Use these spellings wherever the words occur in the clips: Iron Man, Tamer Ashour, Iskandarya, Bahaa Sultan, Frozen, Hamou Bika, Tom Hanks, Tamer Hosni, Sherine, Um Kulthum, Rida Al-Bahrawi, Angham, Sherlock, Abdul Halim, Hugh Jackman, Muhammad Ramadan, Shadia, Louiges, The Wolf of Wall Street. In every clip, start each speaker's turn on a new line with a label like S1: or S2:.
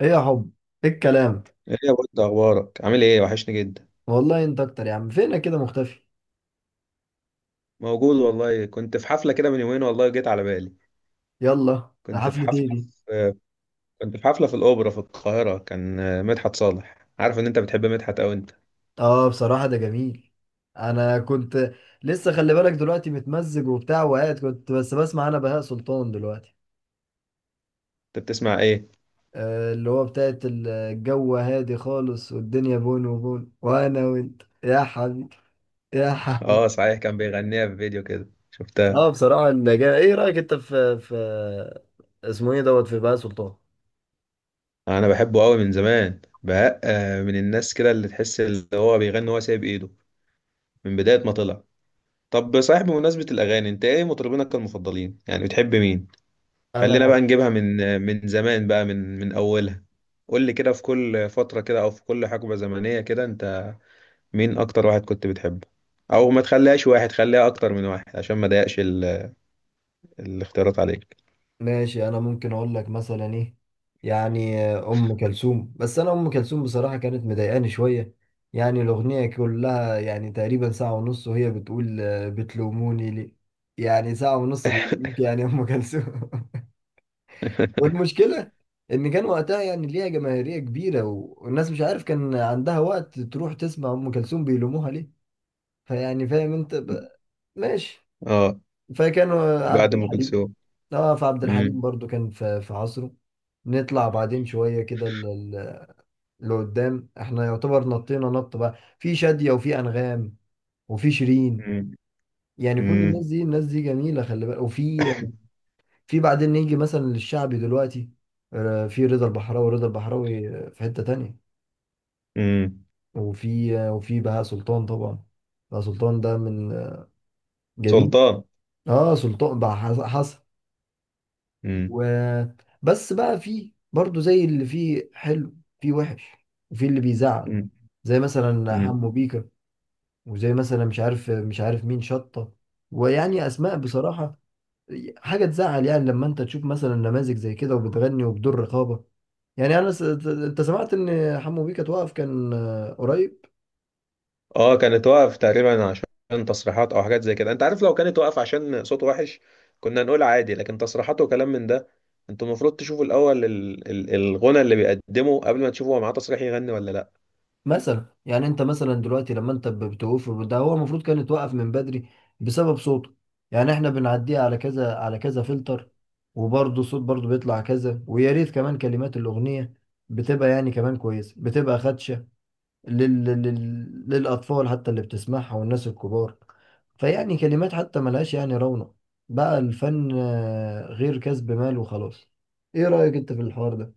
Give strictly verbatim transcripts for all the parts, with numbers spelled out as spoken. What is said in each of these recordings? S1: ايه يا حب. ايه الكلام.
S2: ايه يا بود، اخبارك؟ عامل ايه؟ وحشني جدا.
S1: والله انت اكتر يا عم، فينك كده مختفي؟
S2: موجود والله، كنت في حفله كده من يومين، والله جيت على بالي.
S1: يلا
S2: كنت في
S1: حفلة ايه
S2: حفله
S1: دي؟
S2: في... كنت في حفله في الاوبرا في القاهره، كان آه، مدحت صالح. عارف ان انت بتحب مدحت؟ او انت...
S1: اه بصراحة ده جميل. انا كنت لسه، خلي بالك دلوقتي متمزج وبتاع وقاعد، كنت بس بسمع انا بهاء سلطان دلوقتي.
S2: انت بتسمع ايه؟
S1: آه اللي هو بتاعت ال- الجو هادي خالص والدنيا بون وبون وانا وانت يا حبيبي يا حبيبي.
S2: اه صحيح، كان بيغنيها في فيديو كده شفتها.
S1: اه بصراحة، اللي جا- ايه رأيك انت في في اسمه ايه دوت في بهاء سلطان؟
S2: انا بحبه قوي من زمان بقى، آه، من الناس كده اللي تحس اللي هو بيغني وهو سايب ايده من بدايه ما طلع. طب صحيح، بمناسبه الاغاني، انت ايه مطربينك المفضلين؟ يعني بتحب مين؟ خلينا
S1: انا
S2: بقى نجيبها من من زمان بقى، من من اولها. قول لي كده، في كل فترة كده او في كل حقبة زمنية كده، انت مين اكتر واحد كنت بتحبه؟ او ما تخليهاش واحد، خليها اكتر من واحد عشان ما ضايقش ال... الاختيارات عليك.
S1: ماشي، انا ممكن اقول لك مثلا ايه، يعني آه، ام كلثوم. بس انا ام كلثوم بصراحه كانت مضايقاني شويه، يعني الاغنيه كلها يعني تقريبا ساعه ونص وهي بتقول آه، بتلوموني ليه. يعني ساعه ونص بيلوموك يعني يا ام كلثوم. والمشكله ان كان وقتها يعني ليها جماهيريه كبيره و- والناس مش عارف كان عندها وقت تروح تسمع ام كلثوم بيلوموها ليه. فيعني فاهم انت ب... ماشي.
S2: اه،
S1: فكانوا عبد
S2: بعد ام
S1: الحليم.
S2: كلثوم.
S1: اه فعبد الحليم
S2: امم.
S1: برضو كان في في عصره. نطلع بعدين شوية كده ل- ل- لقدام، احنا يعتبر نطينا نط بقى في شادية وفي أنغام وفي شيرين.
S2: امم.
S1: يعني كل
S2: امم.
S1: الناس دي، الناس دي جميلة، خلي بالك. وفي، في بعدين نيجي مثلا للشعبي دلوقتي. آه، في رضا البحراوي، رضا البحراوي. آه، في حتة تانية
S2: أمم.
S1: وفي آه، وفي بهاء سلطان طبعا. بهاء سلطان ده من آه، جميل.
S2: سلطان.
S1: اه سلطان بقى حصل.
S2: امم.
S1: و بس بقى، في برضو زي اللي فيه حلو في وحش، وفي اللي بيزعل، زي مثلا
S2: امم.
S1: حمو بيكا وزي مثلا مش عارف مش عارف مين شطة. ويعني أسماء بصراحة حاجة تزعل، يعني لما أنت تشوف مثلا نماذج زي كده وبتغني وبدون رقابة. يعني أنا س... أنت سمعت إن حمو بيكا توقف كان قريب؟
S2: اه، كانت واقف تقريبا عشان تصريحات او حاجات زي كده، انت عارف، لو كانت واقف عشان صوته وحش كنا نقول عادي، لكن تصريحات وكلام من ده. انتوا المفروض تشوفوا الاول ال- ال- الغنى اللي بيقدمه، قبل ما تشوفوا هو معاه تصريح يغني ولا لا.
S1: مثلا يعني انت مثلا دلوقتي لما انت ب- بتوقف ده، هو المفروض كان يتوقف من بدري بسبب صوته. يعني احنا بنعديه على كذا على كذا فلتر وبرضه الصوت برضه بيطلع كذا، ويا ريت كمان كلمات الاغنيه بتبقى يعني كمان كويسه، بتبقى خدشه لل... لل... للاطفال حتى اللي بتسمعها والناس الكبار. فيعني كلمات حتى ملهاش يعني رونق، بقى الفن آه، غير كسب مال وخلاص. ايه رايك انت في الحوار ده؟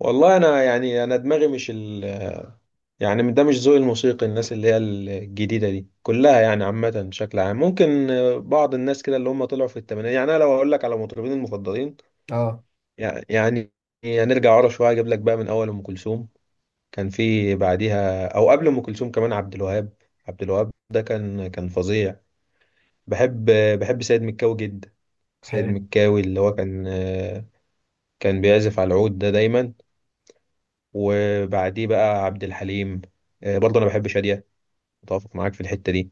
S2: والله انا، يعني انا دماغي مش ال... يعني ده مش ذوقي الموسيقي. الناس اللي هي الجديده دي كلها يعني عامه بشكل عام، ممكن آه، بعض الناس كده اللي هم طلعوا في الثمانينات. يعني انا لو اقول لك على مطربين المفضلين،
S1: اه
S2: يع- يعني هنرجع ورا شويه، اجيب لك بقى من اول ام كلثوم. كان في بعديها او قبل ام كلثوم كمان عبد الوهاب. عبد الوهاب ده كان كان فظيع. بحب بحب سيد مكاوي جدا. سيد
S1: حلو.
S2: مكاوي اللي هو كان كان بيعزف على العود ده دايما. وبعديه بقى عبد الحليم. آه، برضه انا بحب شادية، متفق معاك في الحتة دي.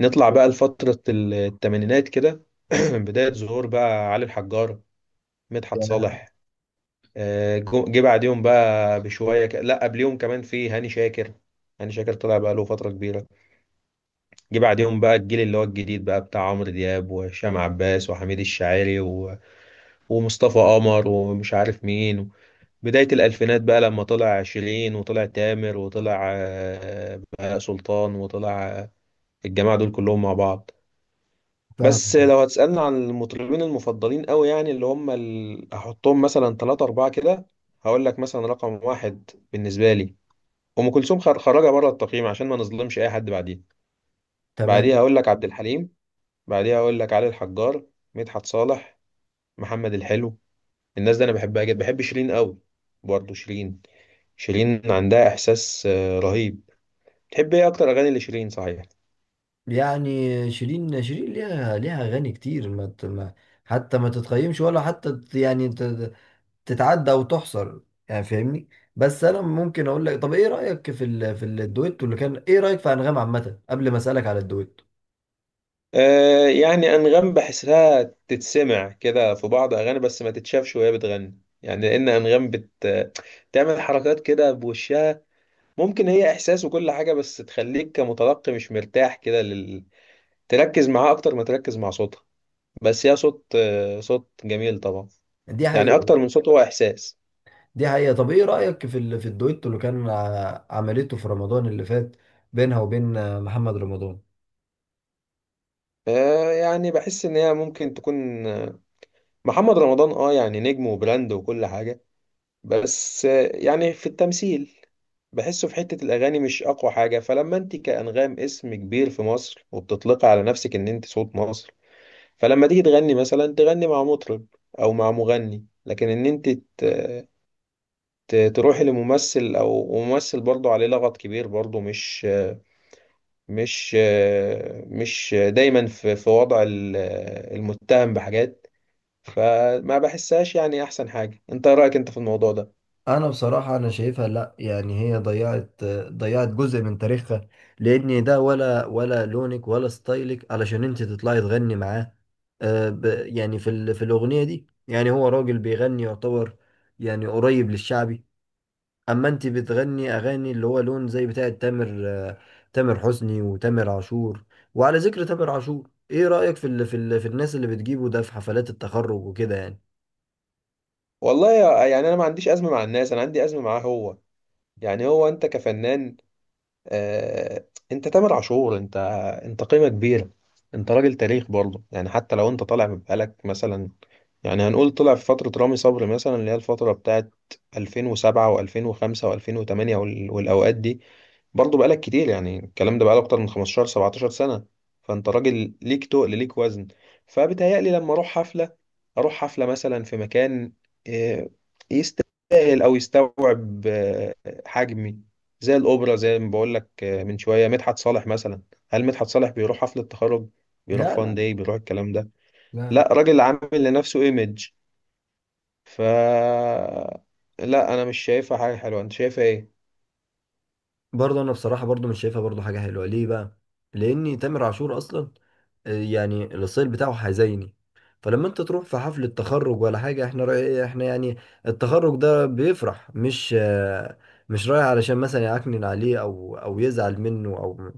S2: نطلع بقى لفترة الثمانينات كده. بداية ظهور بقى علي الحجار، مدحت
S1: يعني
S2: صالح، آه، جو- جه بعديهم بقى بشوية ك... لا، قبليهم كمان في هاني شاكر. هاني شاكر طلع بقى له فترة كبيرة. جه بعديهم بقى الجيل اللي هو الجديد بقى، بتاع عمرو دياب وهشام عباس وحميد الشاعري و... ومصطفى قمر ومش عارف مين. بداية الألفينات بقى، لما طلع عشرين وطلع تامر وطلع آه، بهاء سلطان وطلع آه، الجماعة دول كلهم مع بعض. بس
S1: فاهم.
S2: لو هتسألني عن المطربين المفضلين قوي، يعني اللي هم ال... هحطهم مثلا ثلاثة أربعة كده. هقول لك مثلا رقم واحد بالنسبة لي أم كلثوم، خر- خرجها بره التقييم عشان ما نظلمش أي حد بعديها. بعديها
S1: تمام،
S2: هقول لك عبد الحليم، بعديها اقول لك علي الحجار، مدحت صالح، محمد الحلو. الناس دي انا بحبها جدا. بحب شيرين قوي، برضه شيرين، شيرين عندها احساس آه، رهيب. تحب ايه اكتر اغاني لشيرين صحيح؟
S1: يعني شيرين، شيرين ليها، ليها اغاني كتير ما ت- ما حتى ما تتقيمش ولا حتى ت- يعني ت- تتعدى او تحصر، يعني فاهمني. بس انا ممكن اقول لك، طب ايه رايك في ال... في الدويتو اللي كان، ايه رايك في انغام عامه قبل ما اسالك على الدويتو؟
S2: آه يعني انغام بحسها تتسمع كده في بعض اغاني، بس ما تتشافش وهي بتغني، يعني لان انغام بت تعمل حركات كده بوشها. ممكن هي احساس وكل حاجه، بس تخليك كمتلقي مش مرتاح كده، لل... تركز معاه اكتر ما تركز مع صوتها. بس هي صوت، آه، صوت جميل طبعا،
S1: دي
S2: يعني
S1: حقيقه.
S2: اكتر من صوت هو احساس.
S1: دي حقيقه. طب ايه رايك في ال... في الدويتو اللي كان ع- عملته في رمضان اللي فات بينها وبين محمد رمضان؟
S2: آه يعني بحس ان هي ممكن تكون آه، محمد رمضان، اه يعني نجم وبراند وكل حاجه، بس آه يعني في التمثيل بحسه في حته الاغاني مش اقوى حاجه. فلما انت كانغام اسم كبير في مصر وبتطلقي على نفسك ان انت صوت مصر، فلما تيجي تغني مثلا، تغني مع مطرب او مع مغني، لكن ان انت ت- ت- تروحي لممثل، او ممثل برضه عليه لغط كبير، برضه مش مش مش دايما في في وضع ال- المتهم بحاجات. فما بحسهاش، يعني احسن حاجه. انت إيه رايك انت في الموضوع ده؟
S1: انا بصراحة انا شايفها لا، يعني هي ضيعت، ضيعت جزء من تاريخها، لان ده ولا ولا لونك ولا ستايلك علشان انت تطلعي تغني معاه. آه، ب- يعني في ال- في الاغنية دي يعني هو راجل بيغني يعتبر، يعني قريب للشعبي. اما انت بتغني اغاني اللي هو لون زي بتاعة تامر، آه، تامر حسني وتامر عاشور. وعلى ذكر تامر عاشور، ايه رأيك في ال في ال في الناس اللي بتجيبه ده في حفلات التخرج وكده يعني؟
S2: والله يا- يعني انا ما عنديش ازمه مع الناس، انا عندي ازمه معاه هو. يعني هو انت كفنان، آه، انت تامر عاشور، انت انت قيمه كبيره، انت راجل تاريخ برضه، يعني حتى لو انت طالع بقالك مثلا، يعني هنقول طلع في فتره رامي صبري مثلا، اللي هي الفتره بتاعت ألفين وسبعة و2005 و2008 والاوقات دي. برضه بقالك كتير، يعني الكلام ده بقاله اكتر من خمستاشر 17 سنة. فانت راجل ليك تقل، ليك وزن. فبتهيألي لما اروح حفلة، اروح حفلة مثلا في مكان آه، يستاهل او يستوعب آه، حجمي، زي الاوبرا. زي ما بقول لك آه، من شوية مدحت صالح مثلا، هل مدحت صالح بيروح حفلة تخرج؟ بيروح
S1: لا،
S2: فان
S1: لا،
S2: داي؟ بيروح الكلام ده؟
S1: لا.
S2: لا، راجل عامل لنفسه ايمج. ف، لا انا مش شايفها حاجة حلوة، انت شايفها ايه؟
S1: برضه انا بصراحه برضه مش شايفها برضه حاجه حلوه. ليه بقى؟ لان تامر عاشور اصلا آه، يعني الستايل بتاعه حزيني، فلما انت تروح في حفله تخرج ولا حاجه، احنا رأي إيه؟ احنا يعني التخرج ده بيفرح، مش آه، مش رايح علشان مثلا يعكنن عليه او او يزعل منه او.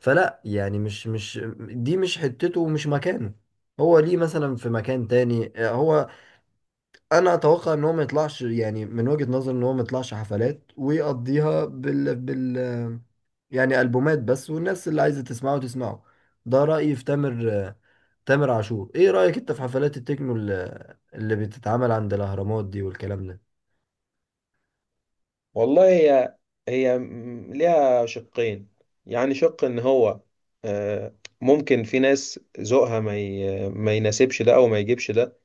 S1: فلا يعني مش مش دي مش حتته ومش مكانه. هو ليه مثلا في مكان تاني آه، هو انا اتوقع ان هو ما يطلعش، يعني من وجهة نظر ان هو ما يطلعش حفلات ويقضيها بال بال يعني البومات بس، والناس اللي عايزة تسمعه تسمعه. ده رأيي في تامر، تامر عاشور. ايه رأيك انت في حفلات التكنو اللي اللي بتتعمل عند الاهرامات دي والكلام ده؟
S2: والله هي، هي م- ليها شقين. يعني شق ان هو آه، ممكن في ناس ذوقها ما ي- ما يناسبش ده او ما يجيبش ده.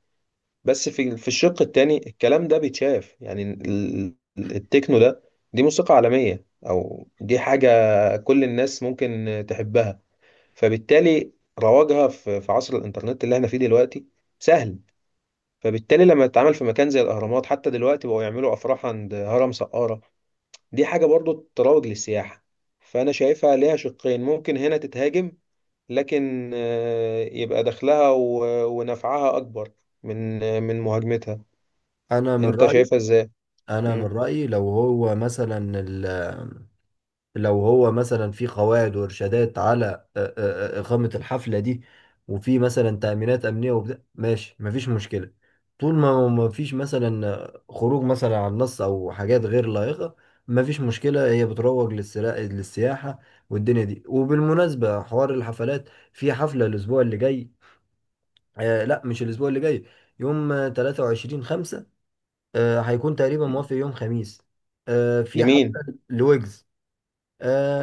S2: بس في في الشق التاني الكلام ده بيتشاف، يعني ال- ال- التكنو ده، دي موسيقى عالمية او دي حاجة كل الناس ممكن تحبها. فبالتالي رواجها في في عصر الانترنت اللي احنا فيه دلوقتي سهل. فبالتالي لما تتعامل في مكان زي الاهرامات، حتى دلوقتي بقوا يعملوا افراح عند هرم سقارة، دي حاجة برضو تروج للسياحة. فأنا شايفها ليها شقين، ممكن هنا تتهاجم، لكن آه، يبقى دخلها و- ونفعها أكبر من آه، من مهاجمتها.
S1: انا من
S2: أنت
S1: رأيي،
S2: شايفها إزاي؟
S1: انا من
S2: مم.
S1: رأيي لو هو مثلا، لو هو مثلا في قواعد وارشادات على آه، آه، آه، إقامة الحفلة دي، وفي مثلا تأمينات أمنية وبتاع، ماشي مفيش مشكلة. طول ما مفيش مثلا آه، خروج مثلا عن النص أو حاجات غير لائقة، مفيش مشكلة. هي بتروج للسرا- للسياحة والدنيا دي. وبالمناسبة حوار الحفلات، في حفلة الأسبوع اللي جاي، آه لا مش الأسبوع اللي جاي، يوم آه، تلاتة وعشرين خمسة، آه هيكون تقريبا موافق يوم خميس، آه في
S2: لمين؟
S1: حفلة لويجز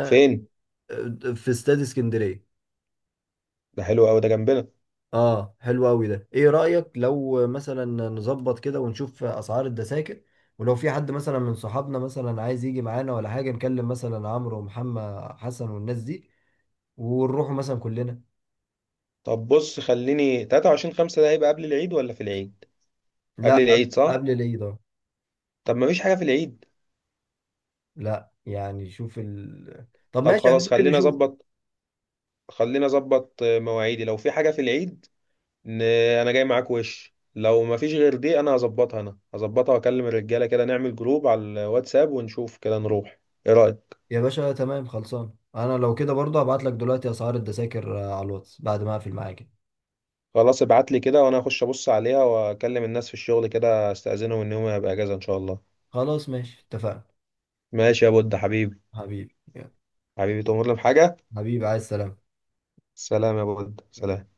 S2: فين؟
S1: في استاد اسكندريه.
S2: ده حلو أوي، ده جنبنا.
S1: اه حلو قوي ده. ايه رايك لو مثلا نظبط كده ونشوف اسعار التذاكر، ولو في حد مثلا من صحابنا مثلا عايز يجي معانا ولا حاجه، نكلم مثلا عمرو ومحمد حسن والناس دي ونروحوا مثلا كلنا.
S2: طب بص، خليني تلاتة وعشرين خمسة ده هيبقى قبل العيد ولا في العيد؟
S1: لا
S2: قبل
S1: قبل،
S2: العيد صح؟
S1: قبل العيد اه.
S2: طب مفيش حاجة في العيد؟
S1: لا يعني شوف ال... طب
S2: طب
S1: ماشي احنا
S2: خلاص،
S1: ممكن
S2: خلينا
S1: نشوف.
S2: أظبط. خلينا أظبط آه، مواعيدي، لو في حاجة في العيد، ان انا جاي معاك. وش لو ما فيش غير دي، انا هظبطها، انا هظبطها، واكلم الرجاله كده، نعمل جروب على الواتساب ونشوف كده نروح. ايه رايك؟
S1: يا باشا تمام خلصان، انا لو كده برضه هبعت لك دلوقتي اسعار التذاكر آه، على الواتس بعد ما اقفل معاك.
S2: خلاص، ابعت لي كده وانا اخش ابص عليها، واكلم الناس في الشغل كده استاذنهم ان هم يبقى اجازه ان شاء الله.
S1: خلاص ماشي اتفقنا.
S2: ماشي يا بود حبيبي.
S1: حبيبي يلا.
S2: حبيبي تؤمرني بحاجه؟
S1: حبيبي عايز سلام.
S2: سلام يا بود، سلام.